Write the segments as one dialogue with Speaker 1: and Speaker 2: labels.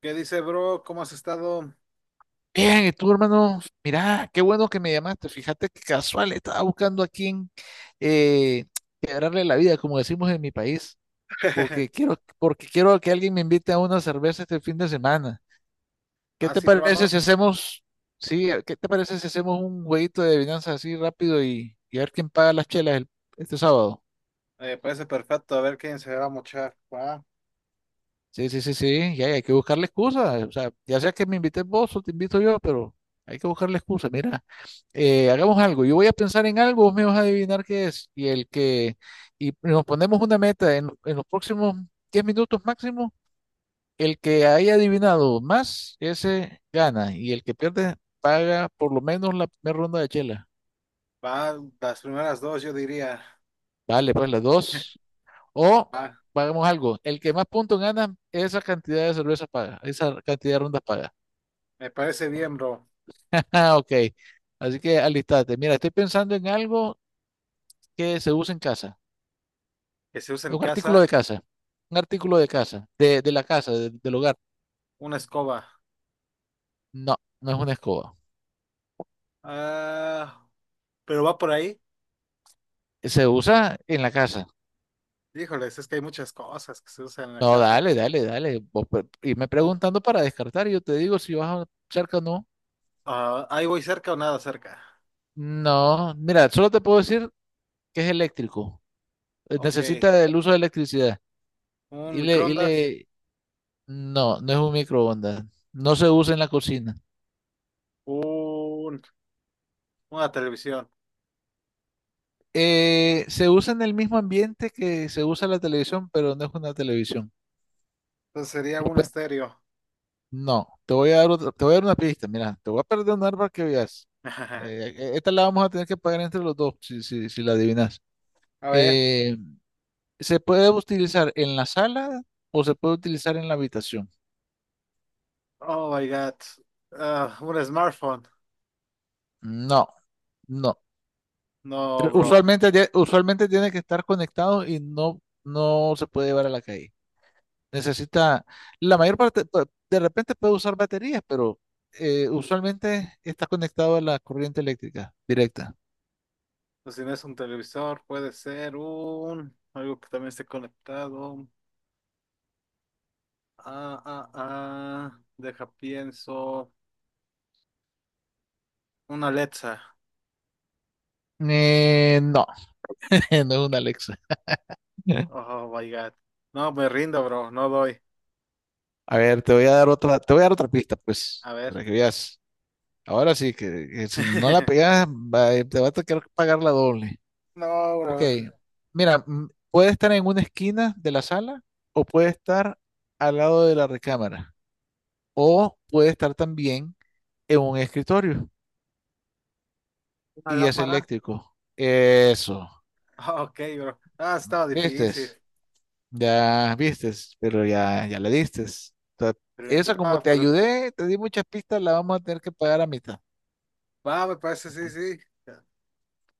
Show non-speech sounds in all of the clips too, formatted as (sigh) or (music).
Speaker 1: ¿Qué dice, bro? ¿Cómo has estado?
Speaker 2: Bien, y tú, hermano, mirá, qué bueno que me llamaste. Fíjate que casual, estaba buscando a quién eh, quebrarle la vida, como decimos en mi país,
Speaker 1: (laughs)
Speaker 2: porque quiero que alguien me invite a una cerveza este fin de semana. ¿Qué te
Speaker 1: Así,
Speaker 2: parece
Speaker 1: hermano.
Speaker 2: si hacemos, sí, qué te parece si hacemos un jueguito de adivinanza así rápido y a ver quién paga las chelas este sábado?
Speaker 1: Me parece perfecto. A ver quién se va a mochar. Va,
Speaker 2: Sí, sí, sí, sí, y hay que buscarle excusas, o sea, ya sea que me invites vos o te invito yo, pero hay que buscarle excusas. Mira, hagamos algo, yo voy a pensar en algo, vos me vas a adivinar qué es, y nos ponemos una meta en los próximos 10 minutos máximo, el que haya adivinado más, ese gana, y el que pierde paga por lo menos la primera ronda de chela.
Speaker 1: va, las primeras dos, yo diría.
Speaker 2: Vale, pues las dos, o
Speaker 1: Va,
Speaker 2: pagamos algo, el que más puntos gana, esa cantidad de cervezas paga, esa cantidad de rondas paga.
Speaker 1: me parece bien, bro.
Speaker 2: Ah, ok. Así que alistate. Mira, estoy pensando en algo que se usa en casa.
Speaker 1: Que se use
Speaker 2: Es
Speaker 1: en
Speaker 2: un
Speaker 1: casa
Speaker 2: artículo de casa. Un artículo de casa. De la casa, del hogar.
Speaker 1: una escoba.
Speaker 2: No, no es una escoba.
Speaker 1: Ah, pero va por ahí.
Speaker 2: Se usa en la casa.
Speaker 1: Híjoles, es que hay muchas cosas que se usan en la
Speaker 2: No,
Speaker 1: casa.
Speaker 2: dale, dale, dale. Vos irme
Speaker 1: Oh,
Speaker 2: preguntando para descartar y yo te digo si cerca o no.
Speaker 1: ah, ahí voy cerca o nada cerca.
Speaker 2: No, mira, solo te puedo decir que es eléctrico.
Speaker 1: Ok,
Speaker 2: Necesita el uso de electricidad.
Speaker 1: un
Speaker 2: Y le, y
Speaker 1: microondas,
Speaker 2: le... No, no es un microondas. No se usa en la cocina.
Speaker 1: un, una televisión.
Speaker 2: Se usa en el mismo ambiente que se usa la televisión, pero no es una televisión.
Speaker 1: Entonces sería
Speaker 2: Lo
Speaker 1: un
Speaker 2: pue-
Speaker 1: estéreo.
Speaker 2: No, te voy a dar te voy a dar una pista. Mira, te voy a perdonar para que veas.
Speaker 1: (laughs) A
Speaker 2: Esta la vamos a tener que pagar entre los dos si, si, si la adivinas.
Speaker 1: ver.
Speaker 2: Eh, ¿Se puede utilizar en la sala o se puede utilizar en la habitación?
Speaker 1: Oh my God. Ah, un smartphone.
Speaker 2: No, no.
Speaker 1: No, bro.
Speaker 2: Usualmente, usualmente tiene que estar conectado y no, no se puede llevar a la calle. Necesita, la mayor parte, de repente puede usar baterías, pero usualmente está conectado a la corriente eléctrica directa.
Speaker 1: Pues si no es un televisor, puede ser un algo que también esté conectado. Ah, ah, ah. Deja pienso. Una Alexa.
Speaker 2: No, (laughs) no es una Alexa. (laughs)
Speaker 1: Oh my God. No, me rindo, bro. No doy.
Speaker 2: A ver, te voy a dar otra, te voy a dar otra pista, pues,
Speaker 1: A ver.
Speaker 2: para que veas. Ahora sí, que si no la
Speaker 1: (laughs)
Speaker 2: pegas, te va a tener que pagar la doble.
Speaker 1: No,
Speaker 2: Ok,
Speaker 1: bro.
Speaker 2: mira, puede estar en una esquina de la sala o puede estar al lado de la recámara o puede estar también en un escritorio.
Speaker 1: ¿Una
Speaker 2: Y es
Speaker 1: lámpara?
Speaker 2: eléctrico. Eso.
Speaker 1: Ah, ok, bro. Ah, estaba difícil.
Speaker 2: ¿Vistes? Ya vistes, pero ya, ya le distes. Ta-
Speaker 1: Excelente.
Speaker 2: Eso como
Speaker 1: Ah,
Speaker 2: te
Speaker 1: pues
Speaker 2: ayudé, te di muchas pistas, la vamos a tener que pagar a mitad.
Speaker 1: va, me parece, sí, sí.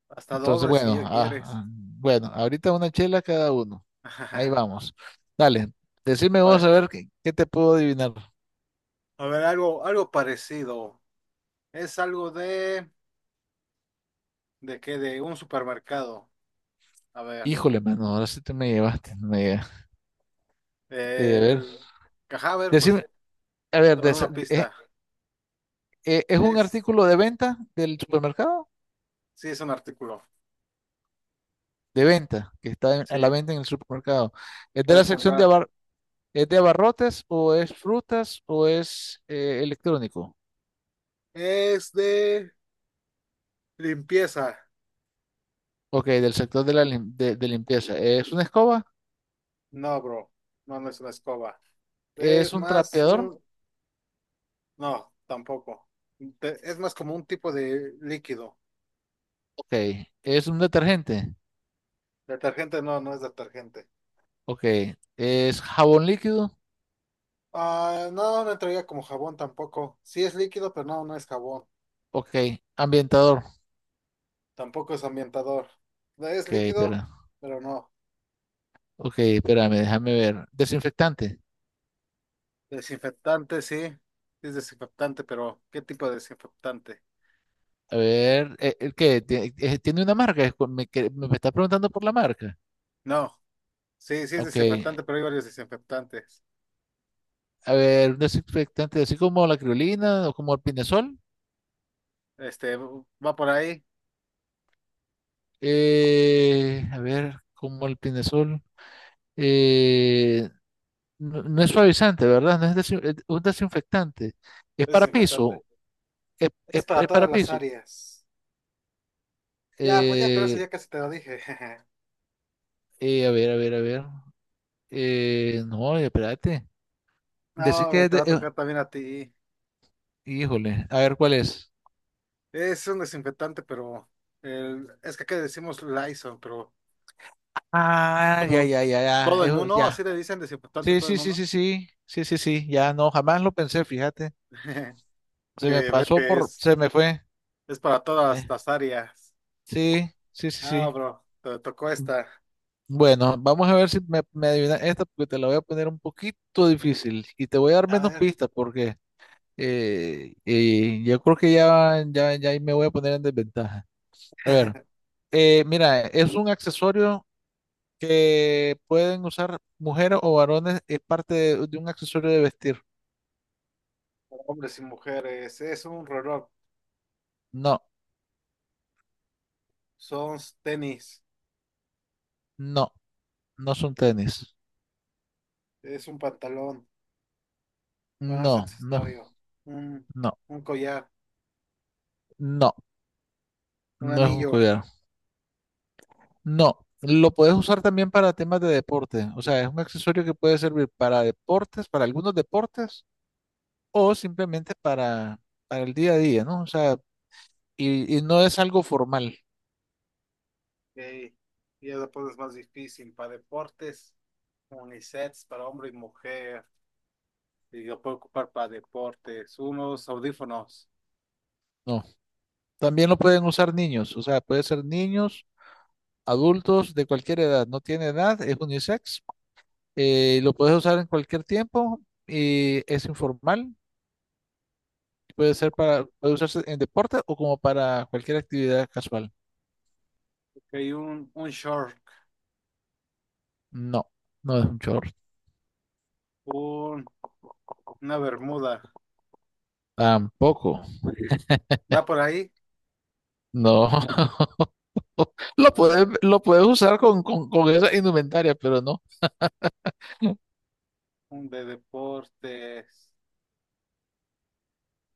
Speaker 1: Hasta
Speaker 2: Entonces,
Speaker 1: doble si
Speaker 2: bueno,
Speaker 1: ya quieres.
Speaker 2: ah, ah, bueno, ahorita una chela cada uno. Ahí
Speaker 1: (laughs)
Speaker 2: vamos. Dale, decime vos
Speaker 1: Bueno,
Speaker 2: a ver qué, qué te puedo adivinar.
Speaker 1: a ver, algo, algo parecido. Es algo ¿de qué? De un supermercado. A ver,
Speaker 2: Híjole, mano, ahora sí te me llevaste. No me llega. A ver,
Speaker 1: el cajáver, pues,
Speaker 2: decime, a ver,
Speaker 1: a ver, una
Speaker 2: eh,
Speaker 1: pista.
Speaker 2: ¿es un
Speaker 1: Es,
Speaker 2: artículo de venta del supermercado?
Speaker 1: sí, es un artículo.
Speaker 2: De venta,
Speaker 1: Sí,
Speaker 2: a la
Speaker 1: que
Speaker 2: venta en el supermercado. ¿Es de la
Speaker 1: puedes
Speaker 2: sección de,
Speaker 1: comprar.
Speaker 2: es de abarrotes o es frutas o es electrónico?
Speaker 1: Es de limpieza.
Speaker 2: Ok, del sector de la de limpieza. ¿Es una escoba?
Speaker 1: No, bro, no, no es una escoba.
Speaker 2: ¿Es
Speaker 1: Es
Speaker 2: un
Speaker 1: más
Speaker 2: trapeador?
Speaker 1: un, no, tampoco. Te- es más como un tipo de líquido.
Speaker 2: Ok. ¿Es un detergente?
Speaker 1: Detergente, no, no es detergente.
Speaker 2: Ok. ¿Es jabón líquido?
Speaker 1: Ah, no, no entraría como jabón tampoco. Sí es líquido, pero no, no es jabón.
Speaker 2: Ok. ¿Ambientador?
Speaker 1: Tampoco es ambientador. No es
Speaker 2: Ok,
Speaker 1: líquido,
Speaker 2: espera.
Speaker 1: pero no.
Speaker 2: Ok, espérame, déjame ver. Desinfectante.
Speaker 1: Desinfectante, sí. Sí es desinfectante, pero ¿qué tipo de desinfectante?
Speaker 2: A ver, ¿qué? ¿Tiene una marca? Es cu- Me, que- me está preguntando por la marca.
Speaker 1: No. Sí, sí es
Speaker 2: Ok,
Speaker 1: desinfectante, pero hay varios desinfectantes.
Speaker 2: a ver, un desinfectante así como la criolina o como el pinesol.
Speaker 1: Este, va por ahí.
Speaker 2: A ver, como el pinesol. eh, no, no es suavizante, ¿verdad? No es desin- es un desinfectante. Es
Speaker 1: Es
Speaker 2: para
Speaker 1: desinfectante.
Speaker 2: piso.
Speaker 1: Es para
Speaker 2: Es para
Speaker 1: todas las
Speaker 2: piso.
Speaker 1: áreas. Ya, pues ya con eso
Speaker 2: Eh,
Speaker 1: ya casi te lo dije. (laughs)
Speaker 2: a ver, a ver, a ver. No, espérate.
Speaker 1: No,
Speaker 2: Decir que
Speaker 1: pero
Speaker 2: es
Speaker 1: te va
Speaker 2: de-
Speaker 1: a tocar también a ti.
Speaker 2: híjole, a ver cuál es.
Speaker 1: Es un desinfectante, pero el, es que acá le decimos Lysol, pero
Speaker 2: Ah, ya,
Speaker 1: como
Speaker 2: ya, ya, ya.
Speaker 1: todo en
Speaker 2: Eso,
Speaker 1: uno, así
Speaker 2: ya.
Speaker 1: le dicen desinfectante
Speaker 2: Sí,
Speaker 1: todo
Speaker 2: sí,
Speaker 1: en
Speaker 2: sí,
Speaker 1: uno.
Speaker 2: sí, sí. Sí, sí, sí. Ya no, jamás lo pensé, fíjate.
Speaker 1: (laughs)
Speaker 2: Se me
Speaker 1: Que ves
Speaker 2: pasó
Speaker 1: que
Speaker 2: por,
Speaker 1: es.
Speaker 2: se me fue.
Speaker 1: Es para
Speaker 2: Eh,
Speaker 1: todas las áreas.
Speaker 2: sí, sí, sí,
Speaker 1: Ah,
Speaker 2: sí.
Speaker 1: bro, te tocó esta.
Speaker 2: Bueno, vamos a ver si me, me adivinas esta, porque te la voy a poner un poquito difícil y te voy a dar
Speaker 1: A
Speaker 2: menos
Speaker 1: ver,
Speaker 2: pistas porque yo creo que ya, ya, ya ahí me voy a poner en desventaja. A ver, mira, es un accesorio que pueden usar mujeres o varones, es parte de un accesorio de vestir.
Speaker 1: para hombres y mujeres. Es un reloj.
Speaker 2: No,
Speaker 1: Son tenis.
Speaker 2: no, no son tenis.
Speaker 1: Es un pantalón. Bueno, es
Speaker 2: No, no,
Speaker 1: accesorio. Un,
Speaker 2: no,
Speaker 1: un collar.
Speaker 2: no,
Speaker 1: Un
Speaker 2: no es un
Speaker 1: anillo.
Speaker 2: collar. No, lo puedes usar también para temas de deporte. O sea, es un accesorio que puede servir para deportes, para algunos deportes, o simplemente para el día a día, ¿no? O sea, y no es algo formal,
Speaker 1: Ok. Y ya después es más difícil. Para deportes. Unisets para hombre y mujer. Y lo puedo ocupar para deportes. Unos audífonos.
Speaker 2: no. También lo pueden usar niños, o sea, puede ser niños, adultos, de cualquier edad. No tiene edad, es unisex. Lo puedes usar en cualquier tiempo y es informal. Puede ser para, puede usarse en deporte o como para cualquier actividad casual.
Speaker 1: Ok, un short.
Speaker 2: No, no es un short.
Speaker 1: Un, una bermuda.
Speaker 2: Tampoco.
Speaker 1: ¿Va por ahí?
Speaker 2: No. (laughs)
Speaker 1: A ver.
Speaker 2: Lo puedes usar con esa indumentaria, pero no.
Speaker 1: De deportes.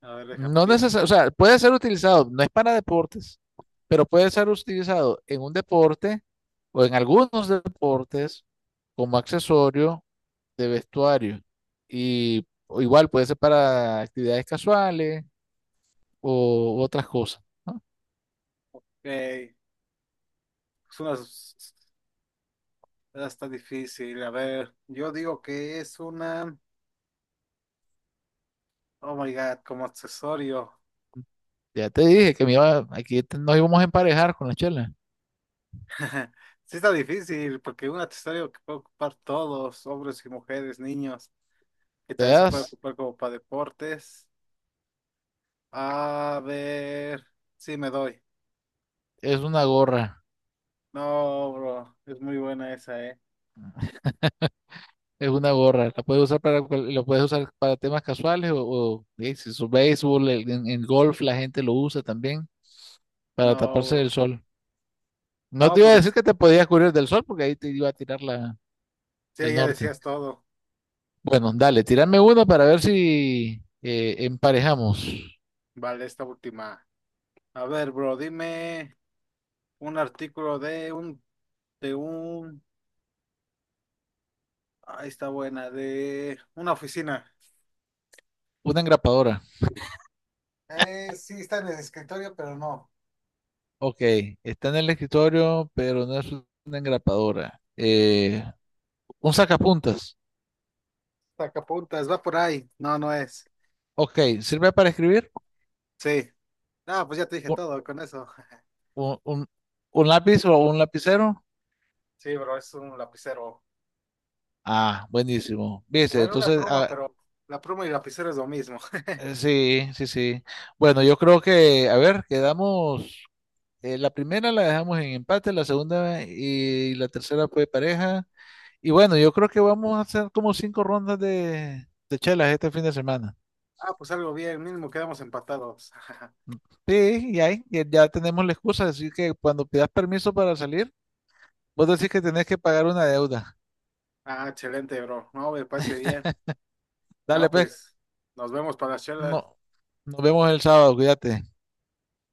Speaker 1: A ver, deja
Speaker 2: No
Speaker 1: pienso.
Speaker 2: necesario, o sea, puede ser utilizado, no es para deportes, pero puede ser utilizado en un deporte o en algunos deportes como accesorio de vestuario. Y o igual puede ser para actividades casuales o otras cosas, ¿no?
Speaker 1: Eh, es una está difícil. A ver, yo digo que es una. Oh my God, como accesorio.
Speaker 2: Ya te dije que me iba, nos íbamos a emparejar con la chela.
Speaker 1: (laughs) Sí está difícil, porque un accesorio que puede ocupar todos, hombres y mujeres, niños, que
Speaker 2: Te
Speaker 1: también se puede
Speaker 2: das,
Speaker 1: ocupar como para deportes. A ver, sí me doy.
Speaker 2: es una gorra.
Speaker 1: No, bro, es muy buena esa, ¿eh?
Speaker 2: Es una gorra, la puedes usar para, la puedes usar para temas casuales o, si es béisbol, en golf la gente lo usa también para
Speaker 1: No,
Speaker 2: taparse
Speaker 1: bro.
Speaker 2: del sol. No
Speaker 1: No,
Speaker 2: te iba a decir
Speaker 1: pues,
Speaker 2: que te podías cubrir del sol porque ahí te iba a tirar la,
Speaker 1: sí,
Speaker 2: el
Speaker 1: ya
Speaker 2: norte.
Speaker 1: decías todo.
Speaker 2: Bueno, dale, tírame una para ver si emparejamos.
Speaker 1: Vale, esta última. A ver, bro, dime un artículo de un, ah, ahí está buena, de una oficina.
Speaker 2: Una engrapadora.
Speaker 1: Sí, está en el escritorio, pero no.
Speaker 2: Ok, está en el escritorio, pero no es una engrapadora. Un sacapuntas.
Speaker 1: Sacapuntas, va por ahí. No, no es.
Speaker 2: Ok, ¿sirve para escribir?
Speaker 1: Sí. Ah, pues ya te dije
Speaker 2: ¿Un,
Speaker 1: todo con eso. (laughs)
Speaker 2: un, un un lápiz o un lapicero?
Speaker 1: Sí, bro, es un lapicero.
Speaker 2: Ah, buenísimo. Viste,
Speaker 1: Bueno, una
Speaker 2: entonces,
Speaker 1: pluma,
Speaker 2: ah,
Speaker 1: pero la pluma y el lapicero es lo mismo. (laughs)
Speaker 2: sí, sí, sí. Bueno, yo creo que, a ver, quedamos, la primera la dejamos en empate, la segunda y la tercera fue pareja. Y bueno, yo creo que vamos a hacer como 5 rondas de chelas este fin de semana.
Speaker 1: Ah, pues algo bien, mínimo quedamos empatados. (laughs)
Speaker 2: Sí, y ahí ya, ya tenemos la excusa, así que cuando pidas permiso para salir, vos decís que tenés que pagar una deuda.
Speaker 1: Ah, excelente, bro. No, me parece bien.
Speaker 2: Dale,
Speaker 1: Ah,
Speaker 2: pues,
Speaker 1: pues nos vemos para la charla.
Speaker 2: no, nos vemos el sábado, cuídate.